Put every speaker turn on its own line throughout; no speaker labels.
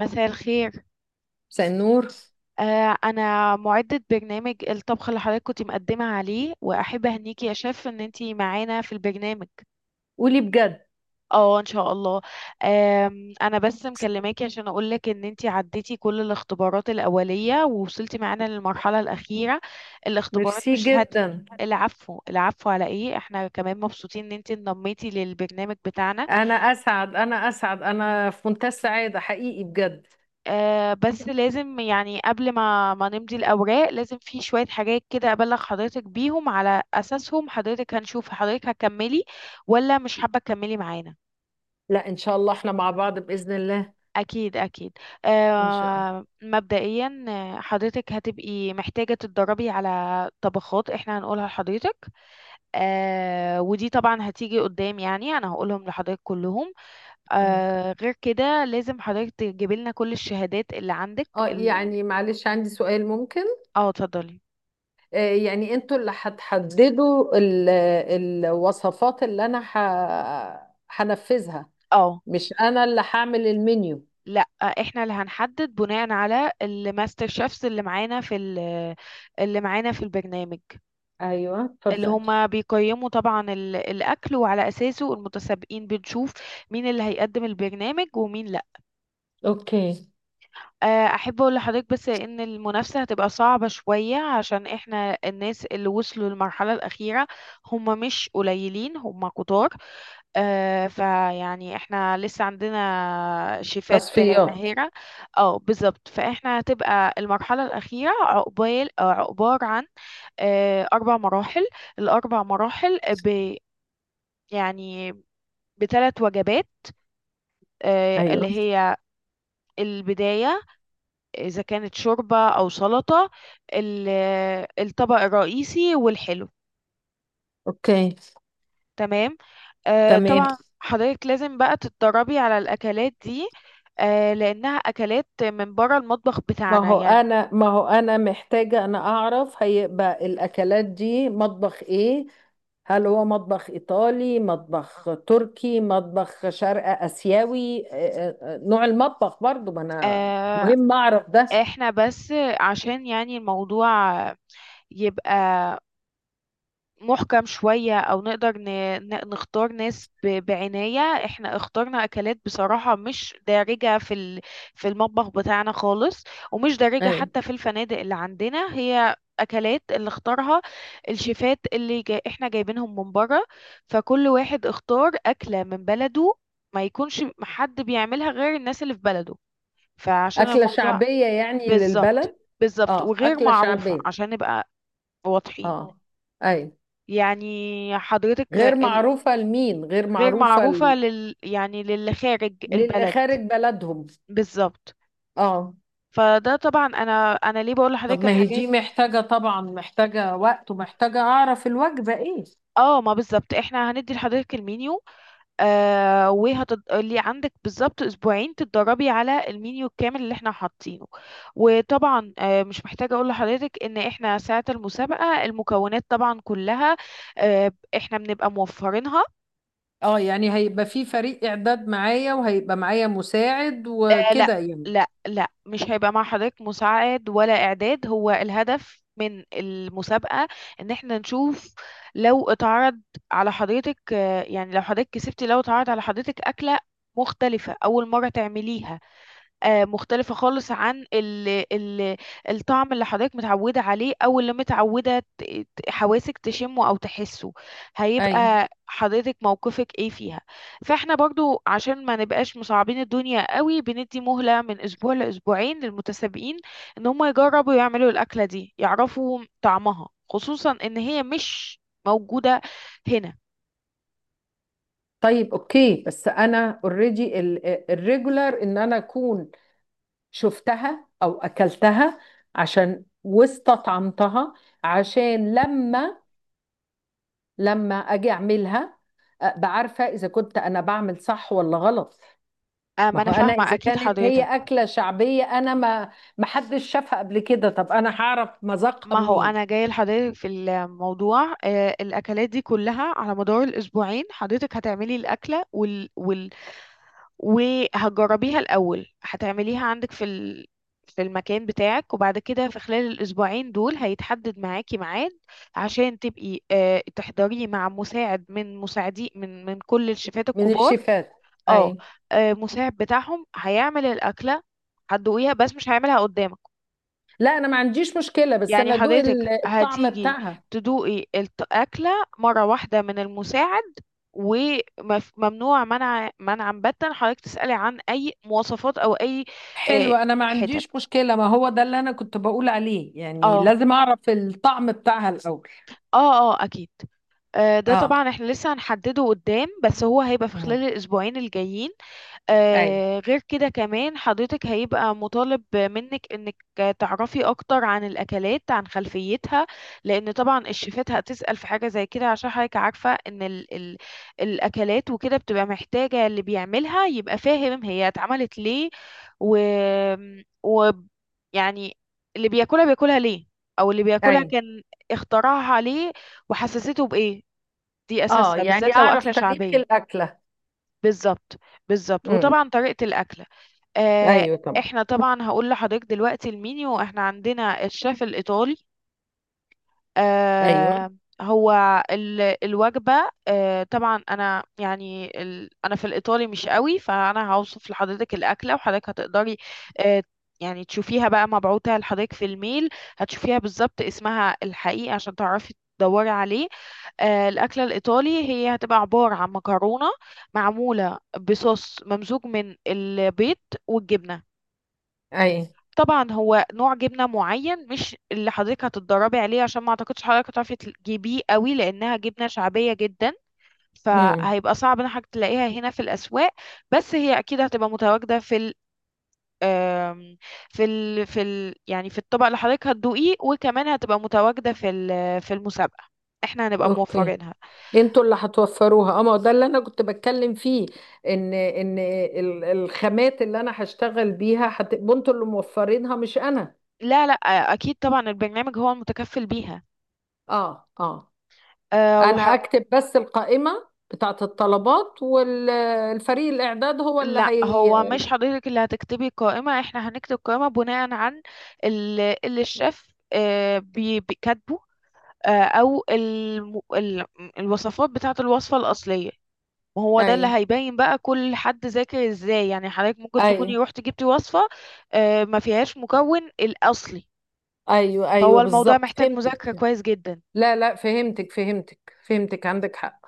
مساء الخير.
مساء النور.
أنا معدة برنامج الطبخ اللي حضرتك كنت مقدمة عليه، وأحب أهنيكي يا شيف إن أنتي معانا في البرنامج.
قولي بجد.
اه، إن شاء الله. أنا بس مكلماكي عشان أقولك إن أنتي عديتي كل الاختبارات الأولية ووصلتي معانا للمرحلة الأخيرة. الاختبارات
ميرسي
مش هت
جدا.
العفو، العفو، على إيه، إحنا كمان مبسوطين إن أنتي انضميتي للبرنامج بتاعنا.
انا في منتهى السعاده حقيقي بجد.
بس لازم يعني قبل ما نمضي الأوراق، لازم في شوية حاجات كده أبلغ حضرتك بيهم، على أساسهم حضرتك هنشوف حضرتك هتكملي ولا مش حابة تكملي معانا.
لا، ان شاء الله احنا مع بعض باذن الله.
أكيد، أكيد.
ان شاء الله.
مبدئيا، حضرتك هتبقي محتاجة تتدربي على طبخات احنا هنقولها لحضرتك. ودي طبعا هتيجي قدام، يعني أنا هقولهم لحضرتك كلهم.
مم.
غير كده لازم حضرتك تجيبي لنا كل الشهادات اللي عندك
اه يعني معلش، عندي سؤال ممكن؟
اه، اتفضلي.
يعني انتوا اللي هتحددوا الوصفات اللي انا هنفذها؟
اه،
مش انا اللي هعمل المنيو؟
لا، احنا اللي هنحدد بناء على الماستر شيفs اللي معانا في اللي معانا في البرنامج،
ايوه
اللي
اتفضلي.
هما بيقيموا طبعا الاكل، وعلى اساسه المتسابقين بنشوف مين اللي هيقدم البرنامج ومين لا.
اوكي.
احب اقول لحضرتك بس ان المنافسة هتبقى صعبة شوية عشان احنا الناس اللي وصلوا للمرحلة الاخيرة هما مش قليلين، هما كتار. فيعني احنا لسه عندنا شيفات
تصفيات.
ماهرة. اه، بالظبط، فاحنا هتبقى المرحلة الأخيرة عقبال آه، عقبار عن آه، أربع مراحل. الأربع مراحل يعني بثلاث وجبات، اللي
ايوه.
هي البداية، إذا كانت شوربة أو سلطة، ال- الطبق الرئيسي، والحلو.
اوكي.
تمام.
تمام.
طبعا حضرتك لازم بقى تتدربي على الأكلات دي، لأنها أكلات من بره المطبخ
ما
بتاعنا
هو
يعني.
انا ما هو انا محتاجة انا اعرف هيبقى الاكلات دي مطبخ ايه. هل هو مطبخ ايطالي، مطبخ تركي، مطبخ شرق اسيوي؟ نوع المطبخ برضو ما انا
آه
مهم اعرف ده.
احنا بس عشان يعني الموضوع يبقى محكم شوية، أو نقدر نختار ناس بعناية. احنا اخترنا أكلات بصراحة مش دارجة في في المطبخ بتاعنا خالص، ومش دارجة
اي.
حتى في الفنادق اللي عندنا. هي أكلات اللي اختارها الشيفات احنا جايبينهم من بره، فكل واحد اختار أكلة من بلده، ما يكونش حد بيعملها غير الناس اللي في بلده، فعشان
اكلة
الموضوع.
شعبية يعني
بالظبط،
للبلد؟
بالظبط،
اه،
وغير
اكلة
معروفة
شعبية.
عشان نبقى واضحين،
اه. اي.
يعني حضرتك.
غير معروفة لمين؟ غير
غير
معروفة
معروفة لل، يعني للي خارج
للي
البلد.
خارج بلدهم.
بالظبط.
اه.
فده طبعا انا، انا ليه بقول
طب
لحضرتك
ما هي
الحاجات.
دي محتاجة طبعا، محتاجة وقت ومحتاجة أعرف الوجبة إيه.
اه، ما بالظبط احنا هندي لحضرتك المنيو، اللي عندك بالظبط اسبوعين تتدربي على المنيو الكامل اللي احنا حاطينه. وطبعا مش محتاجة اقول لحضرتك ان احنا ساعة المسابقة المكونات طبعا كلها احنا بنبقى موفرينها.
اه يعني هيبقى في فريق إعداد معايا وهيبقى معايا مساعد
لا،
وكده يعني؟
لا، لا، مش هيبقى مع حضرتك مساعد ولا إعداد. هو الهدف من المسابقة إن احنا نشوف لو اتعرض على حضرتك يعني، لو حضرتك كسبتي لو اتعرض على حضرتك أكلة مختلفة أول مرة تعمليها، مختلفة خالص عن ال ال الطعم اللي حضرتك متعودة عليه، أو اللي متعودة حواسك تشمه أو تحسه،
أي.
هيبقى حضرتك موقفك ايه فيها. فاحنا برضو عشان ما نبقاش مصعبين الدنيا قوي، بندي مهلة من أسبوع لأسبوعين للمتسابقين إن هم يجربوا يعملوا الأكلة دي، يعرفوا طعمها، خصوصا إن هي مش موجودة هنا.
طيب أوكي، بس أنا أوريدي الريجولار إن أنا أكون شفتها أو أكلتها عشان واستطعمتها، عشان لما أجي أعملها أبقى عارفة إذا كنت أنا بعمل صح ولا غلط. ما
ما
هو
أنا
انا
فاهمة
اذا
أكيد
كانت هي
حضرتك.
اكله شعبيه، انا ما حدش شافها قبل كده، طب انا هعرف مذاقها
ما هو
منين؟
انا جايه لحضرتك في الموضوع، الاكلات دي كلها على مدار الاسبوعين حضرتك هتعملي الاكله وهتجربيها الاول، هتعمليها عندك في في المكان بتاعك، وبعد كده في خلال الاسبوعين دول هيتحدد معاكي ميعاد عشان تبقي تحضريه مع مساعد من مساعدي من كل الشيفات
من
الكبار.
الشيفات.
اه،
اي.
مساعد بتاعهم هيعمل الاكله، هتدوقيها بس مش هيعملها قدامك.
لا انا ما عنديش مشكله، بس
يعني
انا ادوق
حضرتك
الطعم
هتيجي
بتاعها.
تدوقي الأكلة مرة واحدة من المساعد، وممنوع منع منعا باتا حضرتك تسألي عن أي مواصفات أو أي آه،
حلو، انا ما
حتت
عنديش مشكله، ما هو ده اللي انا كنت بقول عليه يعني،
اه
لازم اعرف الطعم بتاعها الاول.
اه اه اكيد. ده
اه.
طبعا احنا لسه هنحدده قدام، بس هو هيبقى في
امم
خلال الاسبوعين الجايين.
اي.
غير كده كمان حضرتك هيبقى مطالب منك انك تعرفي اكتر عن الاكلات، عن خلفيتها، لان طبعا الشيفات هتسأل في حاجة زي كده، عشان حضرتك عارفة ان ال الاكلات وكده بتبقى محتاجة اللي بيعملها يبقى فاهم هي اتعملت ليه، و, و يعني اللي بياكلها بياكلها ليه، او اللي بياكلها
اي.
كان اختراعها ليه وحسسته بايه. دي
اه
اساسها
يعني
بالذات لو
اعرف
اكلة
تاريخ
شعبية.
الاكله.
بالظبط، بالظبط،
امم
وطبعا طريقة الاكلة. آه،
ايوه طبعا.
احنا طبعا هقول لحضرتك دلوقتي المينيو. احنا عندنا الشيف الايطالي،
ايوه.
آه، هو الوجبه طبعا انا يعني انا في الايطالي مش قوي، فانا هوصف لحضرتك الاكله وحضرتك هتقدري آه، يعني تشوفيها بقى مبعوتة لحضرتك في الميل، هتشوفيها بالظبط اسمها الحقيقي عشان تعرفي تدوري عليه. الأكلة الإيطالي هي هتبقى عبارة عن مكرونة معمولة بصوص ممزوج من البيض والجبنة.
اي.
طبعا هو نوع جبنه معين مش اللي حضرتك هتتدربي عليه، عشان ما اعتقدش حضرتك هتعرفي تجيبيه قوي لانها جبنه شعبيه جدا،
امم
فهيبقى صعب ان حضرتك تلاقيها هنا في الاسواق. بس هي اكيد هتبقى متواجده في ال آم، في ال في ال يعني في الطبق اللي حضرتك هتدوقيه، وكمان هتبقى متواجده في في المسابقه، احنا هنبقى
اوكي.
موفرينها.
انتوا اللي هتوفروها؟ اه ما هو ده اللي انا كنت بتكلم فيه، ان الخامات اللي انا هشتغل بيها هتبقوا انتوا اللي موفرينها مش انا.
لا، لا، اكيد طبعا البرنامج هو المتكفل
اه اه. انا
بيها.
اكتب بس القائمة بتاعه الطلبات، والفريق الاعداد هو اللي
لا،
هي.
هو مش حضرتك اللي هتكتبي قائمة، احنا هنكتب قائمة بناء عن ال- اللي الشيف بيكاتبه، او الوصفات بتاعة الوصفة الأصلية، وهو ده
اي.
اللي هيبين بقى كل حد ذاكر ازاي. يعني حضرتك ممكن
اي.
تكوني روحتي جبتي وصفة ما فيهاش مكون الأصلي،
ايوه
فهو
ايوه،
الموضوع
بالظبط
محتاج مذاكرة
فهمتك.
كويس جدا.
لا لا، فهمتك فهمتك فهمتك، عندك حق.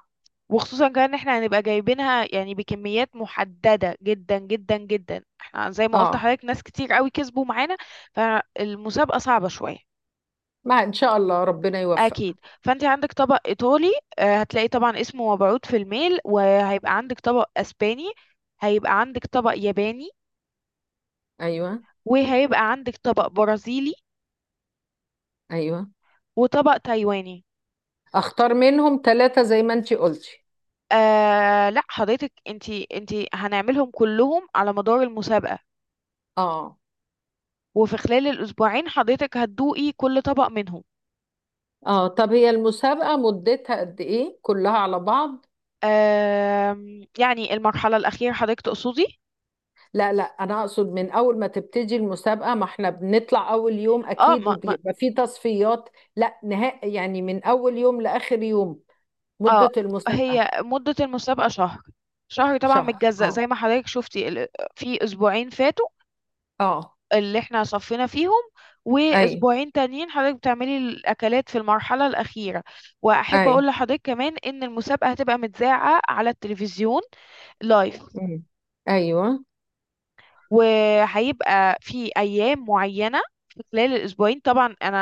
وخصوصا كمان ان احنا هنبقى جايبينها يعني بكميات محددة جدا جدا جدا. احنا زي ما قلت
اه،
حضرتك ناس كتير قوي كسبوا معانا، فالمسابقة صعبة شوية.
ما ان شاء الله ربنا يوفق.
اكيد فانت عندك طبق ايطالي، هتلاقي طبعا اسمه مبعوث في الميل، وهيبقى عندك طبق اسباني، هيبقى عندك طبق ياباني،
ايوه.
وهيبقى عندك طبق برازيلي،
ايوه.
وطبق تايواني.
اختار منهم ثلاثة زي ما انتي قلتي؟
لا، حضرتك انتي، انتي هنعملهم كلهم على مدار المسابقة،
اه.
وفي خلال الأسبوعين حضرتك هتدوقي كل طبق منهم.
اه طب هي المسابقة مدتها قد ايه كلها على بعض؟
يعني المرحلة الأخيرة حضرتك تقصدي؟
لا لا انا اقصد من اول ما تبتدي المسابقة، ما احنا بنطلع اول يوم
اه،
اكيد
ما ما
وبيبقى في تصفيات، لا نهائي يعني، من اول يوم لاخر يوم،
اه
مدة المسابقة.
هي مدة المسابقة شهر. شهر طبعا
شهر.
متجزأ
اه.
زي ما حضرتك شفتي في أسبوعين فاتوا
اه.
اللي احنا صفينا فيهم،
اي.
وأسبوعين تانيين حضرتك بتعملي الأكلات في المرحلة الأخيرة. وأحب
اي.
أقول لحضرتك كمان إن المسابقة هتبقى متذاعة على التلفزيون لايف،
مم. ايوه.
وهيبقى في ايام معينه في خلال الاسبوعين. طبعا انا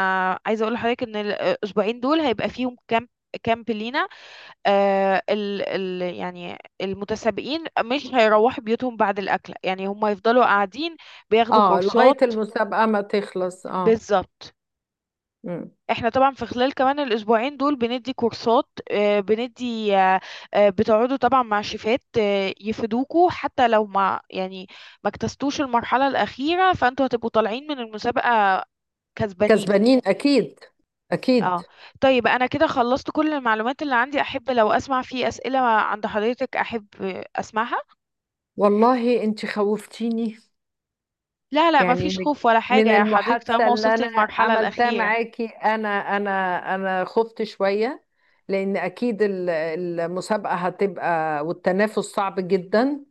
عايزه اقول لحضرتك ان الاسبوعين دول هيبقى فيهم كامب، كامب لينا، آه ال ال يعني المتسابقين مش هيروحوا بيوتهم بعد الاكل، يعني هم يفضلوا قاعدين بياخدوا
اه لغاية
كورسات.
المسابقة ما تخلص. اه.
بالظبط،
مم.
احنا طبعا في خلال كمان الاسبوعين دول بندي كورسات، آه، بندي آه، آه، بتقعدوا طبعا مع شيفات يفيدوكوا، حتى لو ما يعني ما اجتزتوش المرحلة الأخيرة فانتوا هتبقوا طالعين من المسابقة كسبانين.
كسبانين اكيد. اكيد.
اه، طيب انا كده خلصت كل المعلومات اللي عندي، احب لو اسمع في اسئله عند حضرتك، احب اسمعها.
والله انت خوفتيني،
لا، لا،
يعني
مفيش
من
خوف ولا حاجه يا حضرتك
المحادثة
طالما
اللي
وصلت للمرحله
عملتها
الاخيره.
معاكي، أنا أنا خفت شوية، لأن أكيد المسابقة هتبقى والتنافس صعب جدا.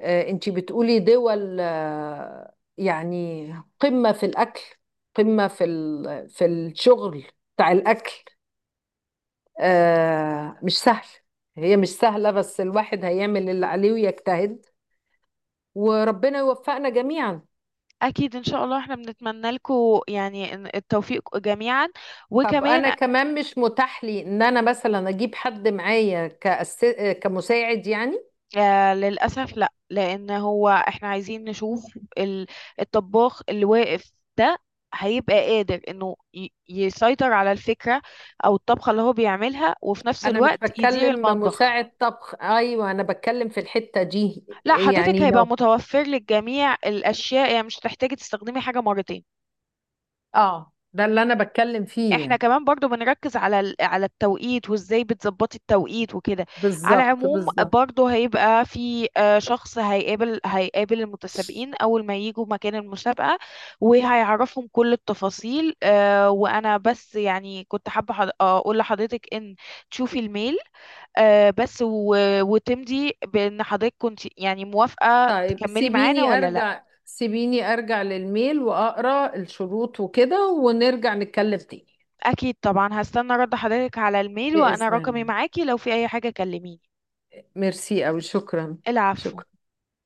أنتي بتقولي دول يعني قمة في الأكل، قمة في في الشغل بتاع الأكل. مش سهل، هي مش سهلة، بس الواحد هيعمل اللي عليه ويجتهد وربنا يوفقنا جميعا.
اكيد ان شاء الله، احنا بنتمنى لكم يعني التوفيق جميعا.
طب انا
وكمان،
كمان مش متاح لي ان انا مثلا اجيب حد معايا كأس... كمساعد يعني؟
للأسف لا، لأن هو احنا عايزين نشوف ال- الطباخ اللي واقف ده هيبقى قادر انه يسيطر على الفكرة او الطبخة اللي هو بيعملها، وفي نفس
انا مش
الوقت يدير
بتكلم
المطبخ.
مساعد طبخ، ايوه انا بتكلم في الحتة دي،
لا، حضرتك
يعني
هيبقى
لو.
متوفر للجميع الأشياء، يعني مش هتحتاجي تستخدمي حاجة مرتين.
اه ده اللي انا بتكلم فيه
احنا
يعني.
كمان برضو بنركز على على التوقيت وازاي بتظبطي التوقيت وكده. على
بالظبط
العموم
بالظبط.
برضو هيبقى في شخص هيقابل المتسابقين اول ما يجوا مكان المسابقة، وهيعرفهم كل التفاصيل. وانا بس يعني كنت حابة اقول لحضرتك ان تشوفي الميل، بس و- وتمضي بان حضرتك كنت يعني موافقة
طيب
تكملي معانا
سيبيني
ولا لا.
ارجع، سيبيني ارجع للميل واقرا الشروط وكده ونرجع نتكلم تاني.
اكيد طبعا، هستنى رد حضرتك على الميل، وانا
بإذن
رقمي
الله.
معاكي لو في اي حاجة كلميني.
ميرسي أوي، شكرا.
العفو.
شكرا.